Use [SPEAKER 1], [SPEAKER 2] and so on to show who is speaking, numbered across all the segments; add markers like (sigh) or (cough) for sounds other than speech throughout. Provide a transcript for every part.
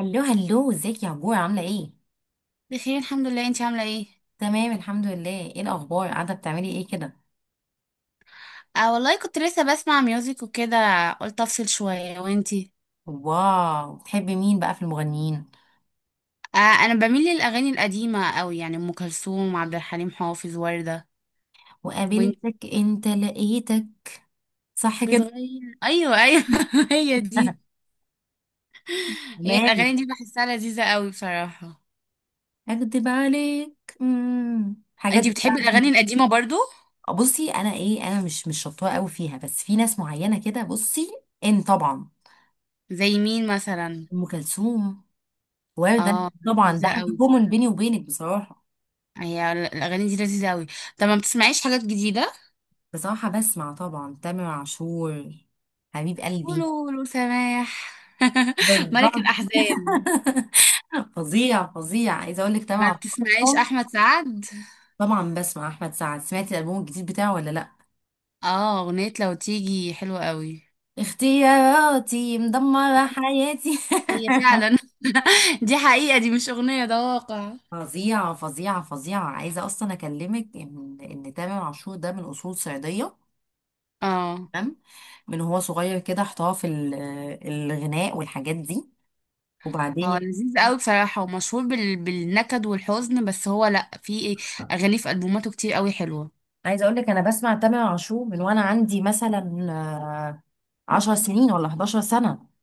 [SPEAKER 1] هلو هلو، ازيك يا عبور؟ عاملة ايه؟
[SPEAKER 2] بخير الحمد لله. انتي عامله ايه؟
[SPEAKER 1] تمام، الحمد لله. ايه الأخبار؟ قاعدة بتعملي ايه كده؟
[SPEAKER 2] آه والله، كنت لسه بسمع ميوزك وكده. قلت افصل شويه. وانتي؟
[SPEAKER 1] واو، بتحبي مين بقى في المغنيين؟
[SPEAKER 2] آه، انا بميل للاغاني القديمه قوي، يعني ام كلثوم، عبد الحليم حافظ، ورده. وانت؟
[SPEAKER 1] وقابلتك؟ انت لقيتك، صح كده؟
[SPEAKER 2] بتغير. ايوه ايوه. (laughs) هي دي.
[SPEAKER 1] (laughs)
[SPEAKER 2] هي
[SPEAKER 1] تمام.
[SPEAKER 2] الاغاني دي بحسها لذيذه قوي بصراحه.
[SPEAKER 1] اكدب عليك؟ حاجات
[SPEAKER 2] انتي بتحبي
[SPEAKER 1] بتاعتي.
[SPEAKER 2] الاغاني القديمه برضو؟
[SPEAKER 1] بصي، انا ايه، انا مش شطوره قوي فيها، بس في ناس معينه كده. بصي، ان طبعا.
[SPEAKER 2] زي مين مثلا؟
[SPEAKER 1] ام كلثوم، ورده.
[SPEAKER 2] اه.
[SPEAKER 1] طبعا ده
[SPEAKER 2] لذيذه
[SPEAKER 1] حاجه
[SPEAKER 2] قوي
[SPEAKER 1] كومن
[SPEAKER 2] بصراحه.
[SPEAKER 1] بيني وبينك بصراحه.
[SPEAKER 2] هي الاغاني دي لذيذه قوي. طب ما بتسمعيش حاجات جديده؟
[SPEAKER 1] بصراحه بسمع طبعا تامر عاشور، حبيب
[SPEAKER 2] قولوا
[SPEAKER 1] قلبي.
[SPEAKER 2] قولوا سماح. (laughs) ملك
[SPEAKER 1] بالظبط.
[SPEAKER 2] الاحزان.
[SPEAKER 1] فظيع فظيع، عايزه اقول لك
[SPEAKER 2] ما
[SPEAKER 1] طبعا.
[SPEAKER 2] بتسمعيش
[SPEAKER 1] (laughs)
[SPEAKER 2] احمد سعد؟
[SPEAKER 1] طبعا بسمع احمد سعد. سمعتي الالبوم الجديد بتاعه ولا لا؟
[SPEAKER 2] اه. اغنية لو تيجي حلوة قوي.
[SPEAKER 1] اختياراتي مدمره حياتي.
[SPEAKER 2] هي فعلا. (laughs) دي حقيقة، دي مش اغنية، ده واقع.
[SPEAKER 1] (laughs) فظيعه فظيعه فظيعه. عايزه اصلا اكلمك ان تامر عاشور ده من اصول صعيديه.
[SPEAKER 2] اه.
[SPEAKER 1] تمام. من هو صغير كده احتراف الغناء والحاجات دي. وبعدين
[SPEAKER 2] هو لذيذ
[SPEAKER 1] يعني.
[SPEAKER 2] قوي بصراحة، ومشهور بالنكد والحزن. بس هو لا، في اغاني في البوماته كتير قوي حلوة.
[SPEAKER 1] عايزه اقول لك انا بسمع تامر عاشور من وانا عندي مثلا آه، 10 سنين ولا 11 سنه.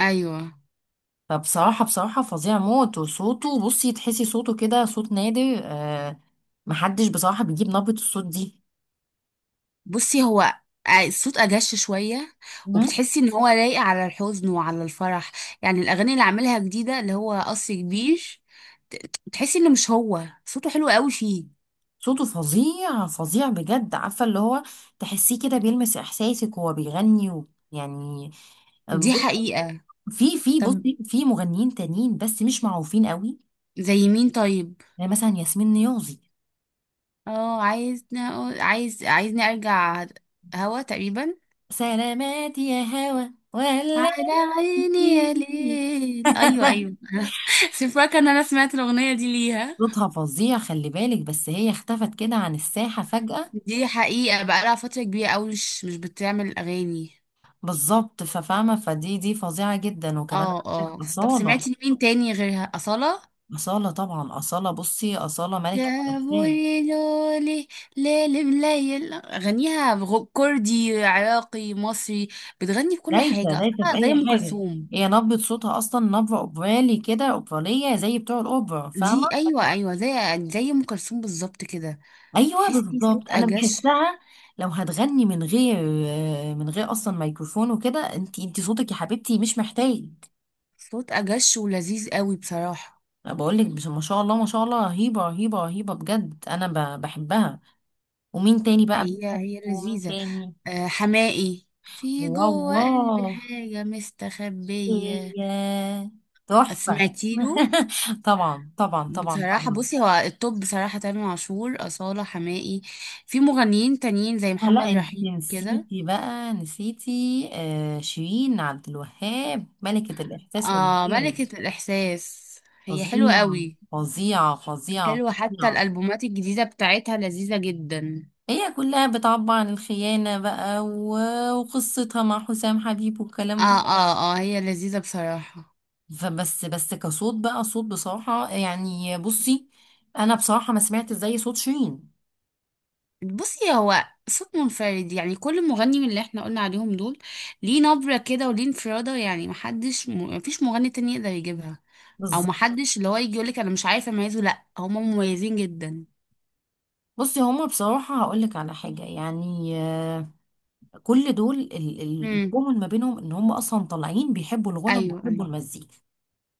[SPEAKER 2] ايوه.
[SPEAKER 1] فبصراحة فظيع موت. وصوته، بصي، تحسي صوته كده صوت نادر. محدش بصراحة بيجيب نبرة الصوت دي.
[SPEAKER 2] بصي هو الصوت اجش شوية.
[SPEAKER 1] تمام؟
[SPEAKER 2] وبتحسي ان هو لايق على الحزن وعلى الفرح. يعني الاغاني اللي عاملها جديدة، اللي هو قصر كبير. تحسي انه، مش هو صوته حلو قوي فيه.
[SPEAKER 1] صوته فظيع فظيع بجد. عارفة، اللي هو تحسيه كده بيلمس إحساسك وهو بيغني و يعني آه،
[SPEAKER 2] دي
[SPEAKER 1] ب-
[SPEAKER 2] حقيقة.
[SPEAKER 1] في في
[SPEAKER 2] طب
[SPEAKER 1] بصي في مغنيين تانيين بس مش معروفين قوي.
[SPEAKER 2] زي مين طيب؟
[SPEAKER 1] زي مثلا ياسمين نيازي،
[SPEAKER 2] اه. عايزني أقول- عايز عايزني ارجع. هوا تقريبا.
[SPEAKER 1] سلامات يا هوا ولا.
[SPEAKER 2] على عيني يا ليل. ايوه ايوه.
[SPEAKER 1] (laughs)
[SPEAKER 2] (laughs) سيبك ان انا سمعت الاغنيه دي ليها.
[SPEAKER 1] صوتها فظيع، خلي بالك، بس هي اختفت كده عن الساحة فجأة.
[SPEAKER 2] دي حقيقه، بقى لها فتره كبيره قوي، مش بتعمل اغاني.
[SPEAKER 1] بالظبط. ففاهمة، فدي فظيعة جدا. وكمان
[SPEAKER 2] اه
[SPEAKER 1] عندك
[SPEAKER 2] اه. طب
[SPEAKER 1] أصالة.
[SPEAKER 2] سمعتي لمين تاني غيرها؟ اصاله؟
[SPEAKER 1] أصالة طبعا. أصالة، بصي، أصالة ملكة الألحان.
[SPEAKER 2] جابولي لولي. ليل مليل غنيها. كردي عراقي مصري. بتغني في كل
[SPEAKER 1] دايسة
[SPEAKER 2] حاجه
[SPEAKER 1] دايسة في
[SPEAKER 2] أصالة،
[SPEAKER 1] أي
[SPEAKER 2] زي ام
[SPEAKER 1] حاجة.
[SPEAKER 2] كلثوم.
[SPEAKER 1] هي نبرة صوتها أصلا نبرة أوبرالي كده، أوبرالية زي بتوع الأوبرا،
[SPEAKER 2] دي.
[SPEAKER 1] فاهمة.
[SPEAKER 2] ايوه ايوه، زي ام كلثوم بالظبط كده.
[SPEAKER 1] أيوة
[SPEAKER 2] تحسي صوت
[SPEAKER 1] بالظبط، أنا
[SPEAKER 2] اجش.
[SPEAKER 1] بحسها لو هتغني من غير، من غير أصلا ميكروفون وكده. أنت صوتك يا حبيبتي مش محتاج.
[SPEAKER 2] صوت اجش ولذيذ قوي بصراحه.
[SPEAKER 1] أنا بقول لك. ما شاء الله ما شاء الله، رهيبة رهيبة رهيبة بجد. أنا بحبها. ومين تاني بقى
[SPEAKER 2] هي
[SPEAKER 1] بنحبه؟
[SPEAKER 2] هي
[SPEAKER 1] ومين
[SPEAKER 2] لذيذه.
[SPEAKER 1] تاني؟
[SPEAKER 2] آه، حماقي. في جوه قلبي
[SPEAKER 1] والله،
[SPEAKER 2] حاجه مستخبيه.
[SPEAKER 1] إيه، تحفة.
[SPEAKER 2] سمعتي له؟
[SPEAKER 1] (laughs) طبعا طبعا طبعا
[SPEAKER 2] بصراحه
[SPEAKER 1] طبعا.
[SPEAKER 2] بصي هو التوب بصراحه، تامر عاشور، اصاله، حماقي. في مغنيين تانيين زي محمد
[SPEAKER 1] لا انت
[SPEAKER 2] رحيم كده.
[SPEAKER 1] نسيتي بقى، نسيتي آه شيرين عبد الوهاب، ملكة الإحساس
[SPEAKER 2] اه،
[SPEAKER 1] والإبداع.
[SPEAKER 2] ملكه الاحساس. هي حلوه
[SPEAKER 1] فظيعة
[SPEAKER 2] قوي.
[SPEAKER 1] فظيعة فظيعة
[SPEAKER 2] حلوه، حتى
[SPEAKER 1] فظيعة.
[SPEAKER 2] الالبومات الجديده بتاعتها لذيذه جدا.
[SPEAKER 1] هي كلها بتعبر عن الخيانة بقى وقصتها مع حسام حبيب
[SPEAKER 2] اه
[SPEAKER 1] والكلام ده.
[SPEAKER 2] اه اه، هي لذيذة بصراحة.
[SPEAKER 1] فبس كصوت بقى، صوت بصراحة، يعني، بصي، أنا بصراحة ما سمعت زي صوت شيرين.
[SPEAKER 2] بصي هو صوت منفرد، يعني كل مغني من اللي احنا قلنا عليهم دول ليه نبرة كده وليه انفرادة. يعني محدش مفيش مغني تاني يقدر يجيبها. او
[SPEAKER 1] بالظبط.
[SPEAKER 2] محدش اللي هو يجي يقولك انا مش عارف اميزه. لا، هما مميزين جدا.
[SPEAKER 1] بصي، هما بصراحة هقولك على حاجة، يعني كل دول،
[SPEAKER 2] امم.
[SPEAKER 1] الكومن ما بينهم ان هما اصلا طالعين بيحبوا الغنى
[SPEAKER 2] ايوه
[SPEAKER 1] وبيحبوا
[SPEAKER 2] ايوه،
[SPEAKER 1] المزيكا.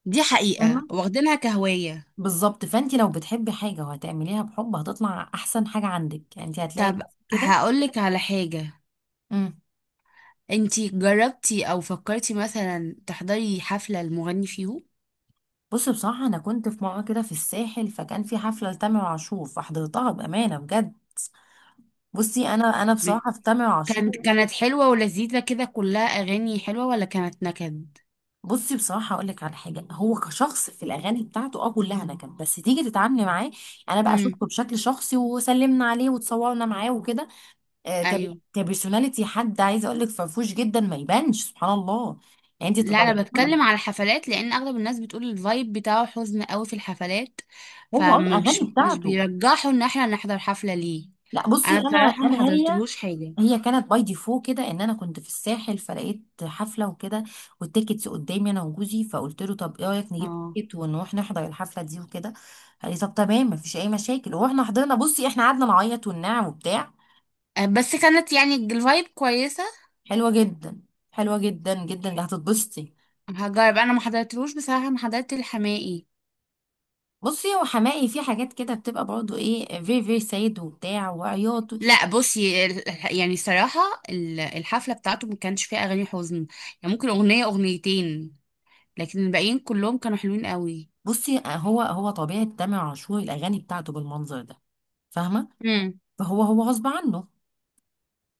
[SPEAKER 2] دي حقيقة،
[SPEAKER 1] فاهمة.
[SPEAKER 2] واخدينها كهواية.
[SPEAKER 1] بالظبط. فانت لو بتحبي حاجة وهتعمليها بحب، هتطلع احسن حاجة عندك، يعني انت هتلاقي نفسك
[SPEAKER 2] طب
[SPEAKER 1] كده.
[SPEAKER 2] هقولك على حاجة.
[SPEAKER 1] امم
[SPEAKER 2] انتي جربتي او فكرتي مثلا تحضري حفلة المغني فيهم؟
[SPEAKER 1] بصي بصراحة انا كنت في مرة كده في الساحل، فكان في حفلة لتامر عاشور فحضرتها، بأمانة بجد. بصي انا بصراحة في تامر
[SPEAKER 2] كانت
[SPEAKER 1] عاشور.
[SPEAKER 2] كانت حلوة ولذيذة كده، كلها أغاني حلوة، ولا كانت نكد؟
[SPEAKER 1] بصي بصراحة أقول لك على حاجة، هو كشخص في الأغاني بتاعته كلها نكد، بس تيجي تتعاملي معاه، أنا بقى
[SPEAKER 2] امم.
[SPEAKER 1] شفته بشكل شخصي وسلمنا عليه وتصورنا معاه وكده. آه، كب-
[SPEAKER 2] أيوه.
[SPEAKER 1] كبرسوناليتي، حد عايزة أقول لك فرفوش جدا، ما يبانش، سبحان الله. يعني أنت
[SPEAKER 2] لا،
[SPEAKER 1] تدوري.
[SPEAKER 2] أنا بتكلم على الحفلات، لأن أغلب الناس بتقول الفايب بتاعه حزن قوي في الحفلات.
[SPEAKER 1] هو
[SPEAKER 2] فما
[SPEAKER 1] الأغاني
[SPEAKER 2] بيش، مش
[SPEAKER 1] بتاعته،
[SPEAKER 2] بيرجحوا إن احنا نحضر حفلة ليه.
[SPEAKER 1] لا بصي،
[SPEAKER 2] أنا
[SPEAKER 1] أنا
[SPEAKER 2] بصراحة ما
[SPEAKER 1] أنا هي
[SPEAKER 2] حضرتلهوش حاجة.
[SPEAKER 1] هي كانت باي ديفو كده، ان انا كنت في الساحل فلقيت حفله وكده، والتيكتس قدامي انا وجوزي، فقلت له طب ايه رايك نجيب
[SPEAKER 2] اه.
[SPEAKER 1] تيكت ونروح نحضر الحفله دي وكده. قال لي طب تمام، مفيش اي مشاكل. ورحنا حضرنا. بصي احنا قعدنا نعيط وننعم وبتاع.
[SPEAKER 2] بس كانت يعني الفايب كويسة.
[SPEAKER 1] حلوه جدا، حلوه جدا جدا، اللي هتتبسطي.
[SPEAKER 2] هجرب. أنا ما حضرتلوش بصراحة، ما حضرت الحماقي.
[SPEAKER 1] بصي هو حماقي في حاجات كده بتبقى برضه ايه، فيري فيري سيد وبتاع وعياط.
[SPEAKER 2] لا بصي، يعني صراحة. الحفلة بتاعته ما كانش فيها أغاني حزن. يعني ممكن أغنية أغنيتين. لكن الباقيين كلهم كانوا حلوين قوي.
[SPEAKER 1] بصي هو طبيعه تامر عاشور الاغاني بتاعته بالمنظر ده، فاهمه.
[SPEAKER 2] امم.
[SPEAKER 1] فهو هو غصب عنه.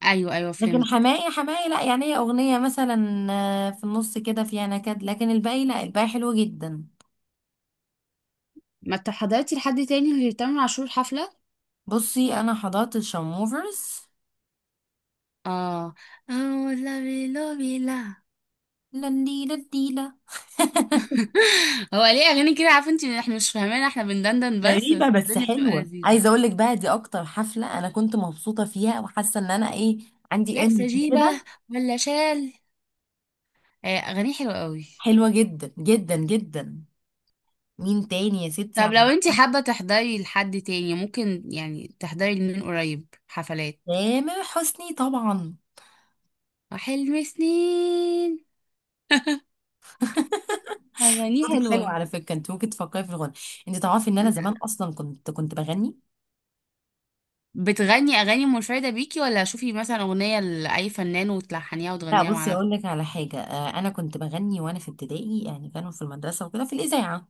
[SPEAKER 2] ايوه ايوه،
[SPEAKER 1] لكن
[SPEAKER 2] فهمت.
[SPEAKER 1] حماقي حماقي لا، يعني هي اغنيه مثلا في النص كده فيها نكد، لكن الباقي لا، الباقي حلو جدا.
[SPEAKER 2] ما انت حضرتي لحد تاني غير تامر عاشور الحفله؟
[SPEAKER 1] بصي انا حضرت الشموفرز،
[SPEAKER 2] اه. اه، لافي لوبي، لا بلا.
[SPEAKER 1] لنديلا لنديلا.
[SPEAKER 2] بلا. (laughs) هو ليه اغاني كده؟ عارفه انت، احنا مش فاهمين، احنا بندندن بس
[SPEAKER 1] غريبة
[SPEAKER 2] بس،
[SPEAKER 1] بس
[SPEAKER 2] الدنيا بتبقى
[SPEAKER 1] حلوة. عايزة
[SPEAKER 2] لذيذه.
[SPEAKER 1] اقول لك بقى، دي اكتر حفلة انا كنت مبسوطة فيها وحاسة ان انا ايه، عندي
[SPEAKER 2] لابسه
[SPEAKER 1] انرجي
[SPEAKER 2] جيبه؟
[SPEAKER 1] كده.
[SPEAKER 2] ولا شال؟ اغاني حلوه قوي.
[SPEAKER 1] حلوة جدا جدا جدا. مين تاني يا ستي
[SPEAKER 2] طب لو
[SPEAKER 1] عم؟
[SPEAKER 2] انت حابه تحضري لحد تاني، ممكن يعني تحضري لمين؟ قريب حفلات.
[SPEAKER 1] تامر حسني طبعا.
[SPEAKER 2] وحلم سنين. (laughs)
[SPEAKER 1] (laughs)
[SPEAKER 2] اغاني
[SPEAKER 1] صوتك حلو
[SPEAKER 2] حلوه.
[SPEAKER 1] على فكرة، انت ممكن تفكري في الغنى. انت تعرفي ان انا زمان اصلا كنت بغني.
[SPEAKER 2] بتغني اغاني منفرده بيكي، ولا شوفي مثلا اغنيه لاي فنان وتلحنيها
[SPEAKER 1] لا
[SPEAKER 2] وتغنيها مع
[SPEAKER 1] بصي اقول
[SPEAKER 2] نفسك؟
[SPEAKER 1] لك على حاجه، انا كنت بغني وانا في ابتدائي، يعني كانوا في المدرسه وكده في الاذاعه.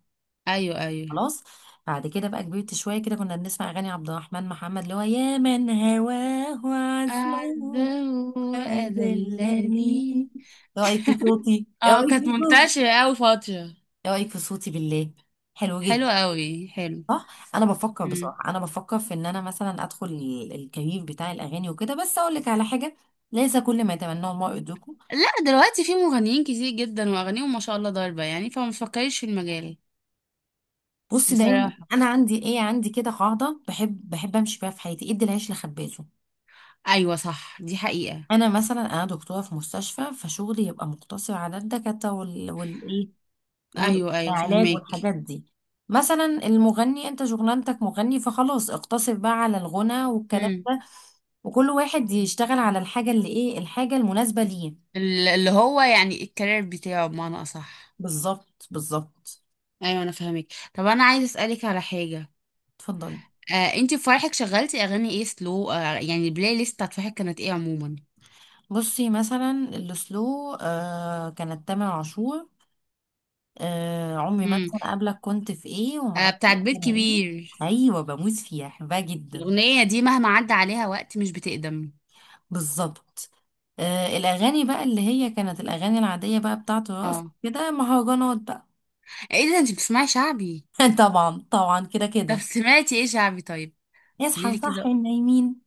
[SPEAKER 2] ايوه ايوه.
[SPEAKER 1] خلاص. بعد كده بقى كبرت شويه كده، كنا بنسمع اغاني عبد الرحمن محمد، اللي هو يا من هواه عزاه
[SPEAKER 2] اعزه.
[SPEAKER 1] وذلني. ايه
[SPEAKER 2] اذلني.
[SPEAKER 1] رايك في صوتي؟ ايه
[SPEAKER 2] اه،
[SPEAKER 1] رايك
[SPEAKER 2] كانت
[SPEAKER 1] في صوتي؟
[SPEAKER 2] منتشره قوي فتره.
[SPEAKER 1] ايه رايك في صوتي بالله؟ حلو جدا.
[SPEAKER 2] حلوه قوي، حلو.
[SPEAKER 1] صح، انا بفكر
[SPEAKER 2] مم.
[SPEAKER 1] بصراحه، انا بفكر في ان انا مثلا ادخل الكارير بتاع الاغاني وكده، بس اقول لك على حاجه، ليس كل ما يتمناه المرء يدركه.
[SPEAKER 2] لا، دلوقتي في مغنيين كتير جدا، واغانيهم ما شاء الله ضاربه، يعني فما تفكريش في المجال.
[SPEAKER 1] بصي دايما
[SPEAKER 2] بصراحه.
[SPEAKER 1] انا عندي ايه، عندي كده قاعده بحب امشي بيها في حياتي، ادي العيش لخبازه.
[SPEAKER 2] ايوه صح، دي حقيقه.
[SPEAKER 1] انا مثلا، دكتوره في مستشفى، فشغلي يبقى مقتصر على الدكاتره والايه،
[SPEAKER 2] ايوه ايوه،
[SPEAKER 1] والعلاج
[SPEAKER 2] فهماك.
[SPEAKER 1] والحاجات دي. مثلا المغني، انت شغلانتك مغني، فخلاص اقتصر بقى على الغنى والكلام
[SPEAKER 2] امم.
[SPEAKER 1] ده. وكل واحد يشتغل على الحاجه، اللي ايه، الحاجه المناسبه ليه.
[SPEAKER 2] اللي هو يعني الكارير بتاعه بمعنى اصح.
[SPEAKER 1] بالظبط بالظبط.
[SPEAKER 2] ايوه انا فاهمك. طب انا عايز اسالك على حاجه.
[SPEAKER 1] اتفضلي.
[SPEAKER 2] آه، انتي في فرحك شغلتي اغاني ايه؟ سلو، يعني البلاي ليست بتاعت فرحك كانت ايه عموما؟
[SPEAKER 1] بصي مثلا السلو، كانت تامر عاشور، آه عمري ما
[SPEAKER 2] امم.
[SPEAKER 1] انسى، انا قبلك كنت في ايه
[SPEAKER 2] آه،
[SPEAKER 1] ومعاك في
[SPEAKER 2] بتاعت
[SPEAKER 1] ايه
[SPEAKER 2] بيت
[SPEAKER 1] انا ايه.
[SPEAKER 2] كبير.
[SPEAKER 1] ايوه، بموت فيها، احبها جدا.
[SPEAKER 2] الاغنيه دي مهما عدى عليها وقت مش بتقدم.
[SPEAKER 1] بالظبط. آه الاغاني بقى اللي هي كانت الاغاني العاديه بقى بتاعته، رقص
[SPEAKER 2] اه،
[SPEAKER 1] كده، مهرجانات بقى.
[SPEAKER 2] ايه ده؟ انتي بتسمعي شعبي؟
[SPEAKER 1] (laughs) طبعا طبعا كده
[SPEAKER 2] طب
[SPEAKER 1] كده.
[SPEAKER 2] سمعتي ايه شعبي طيب؟
[SPEAKER 1] اصحى
[SPEAKER 2] قوليلي كده.
[SPEAKER 1] صحي النايمين.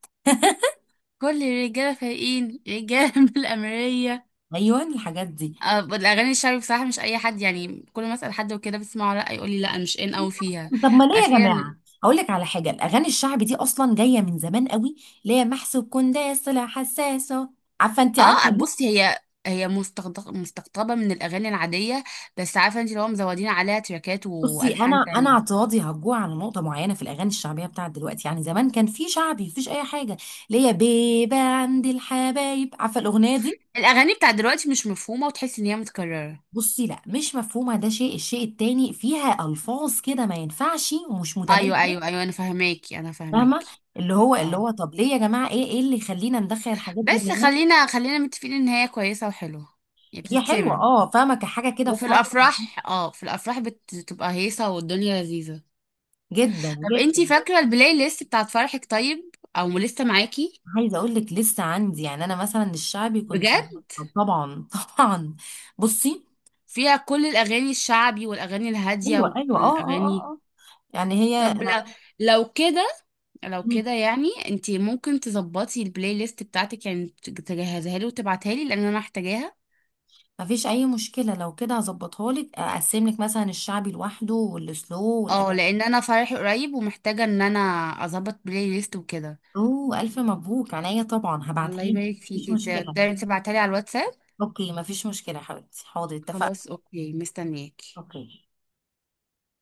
[SPEAKER 2] كل الرجاله فايقين رجاله (laughs) من الامريه.
[SPEAKER 1] ايوه، الحاجات دي.
[SPEAKER 2] الاغاني الشعبي بصراحه مش اي حد، يعني كل ما اسال حد وكده بتسمعه، لا يقول لي لا مش ان قوي فيها.
[SPEAKER 1] طب ما ليه يا
[SPEAKER 2] فاخيرا.
[SPEAKER 1] جماعه؟ اقول لك على حاجه، الاغاني الشعبي دي اصلا جايه من زمان قوي، اللي هي محسوب كنداس طلع حساسه، عارفه انت،
[SPEAKER 2] اه.
[SPEAKER 1] عارفه.
[SPEAKER 2] بصي هي مستقطبه من الاغاني العاديه. بس عارفه انت، لو مزودين عليها تراكات
[SPEAKER 1] بصي انا
[SPEAKER 2] والحان
[SPEAKER 1] انا
[SPEAKER 2] تانية.
[SPEAKER 1] اعتراضي هرجع على نقطه معينه في الاغاني الشعبيه بتاعت دلوقتي. يعني زمان كان في شعبي مفيش اي حاجه، اللي هي بيبه عند الحبايب، عارفه الاغنيه دي.
[SPEAKER 2] الاغاني بتاع دلوقتي مش مفهومه، وتحسي ان هي متكرره.
[SPEAKER 1] بصي لا، مش مفهومه ده شيء، الشيء التاني فيها الفاظ كده ما ينفعش ومش
[SPEAKER 2] ايوه
[SPEAKER 1] متناسبه.
[SPEAKER 2] ايوه ايوه، انا فاهماكي انا
[SPEAKER 1] فاهمه.
[SPEAKER 2] فاهماكي.
[SPEAKER 1] اللي هو اللي
[SPEAKER 2] اه،
[SPEAKER 1] هو طب ليه يا جماعه؟ ايه اللي يخلينا ندخل الحاجات دي
[SPEAKER 2] بس
[SPEAKER 1] من.
[SPEAKER 2] خلينا خلينا متفقين ان هي كويسه وحلوه. يعني
[SPEAKER 1] هي حلوه،
[SPEAKER 2] بتتسمع.
[SPEAKER 1] فاهمه، كحاجه كده في
[SPEAKER 2] وفي
[SPEAKER 1] فرح،
[SPEAKER 2] الافراح، في الافراح بتبقى هيصه والدنيا لذيذه.
[SPEAKER 1] جدا
[SPEAKER 2] طب
[SPEAKER 1] جدا.
[SPEAKER 2] انتي فاكره البلاي ليست بتاعت فرحك طيب، او لسه معاكي؟
[SPEAKER 1] عايزه اقول لك لسه عندي، يعني انا مثلا الشعبي كنت،
[SPEAKER 2] بجد؟
[SPEAKER 1] طبعا. (laughs) طبعا. بصي،
[SPEAKER 2] فيها كل الاغاني الشعبي والاغاني الهاديه
[SPEAKER 1] ايوه ايوه، اه اه
[SPEAKER 2] والاغاني.
[SPEAKER 1] اه اه. يعني هي
[SPEAKER 2] طب لو كده لو
[SPEAKER 1] مم.
[SPEAKER 2] كده، يعني انت ممكن تظبطي البلاي ليست بتاعتك، يعني تجهزها لي وتبعتها لي، لان انا محتاجاها.
[SPEAKER 1] مفيش اي مشكله، لو كده هظبطها لك، اقسم لك مثلا الشعبي لوحده والسلو
[SPEAKER 2] اه،
[SPEAKER 1] والأجنبي.
[SPEAKER 2] لان انا فرحي قريب ومحتاجه ان انا اظبط بلاي ليست وكده.
[SPEAKER 1] اوه، الف مبروك، عينيا طبعا
[SPEAKER 2] الله
[SPEAKER 1] هبعتها لك،
[SPEAKER 2] يبارك
[SPEAKER 1] مفيش
[SPEAKER 2] فيكي،
[SPEAKER 1] مشكله.
[SPEAKER 2] تقدري تبعتها لي على الواتساب؟
[SPEAKER 1] اوكي، مفيش مشكله يا حبيبتي، حاضر، اتفقنا.
[SPEAKER 2] خلاص، اوكي، مستنياكي.
[SPEAKER 1] اوكي.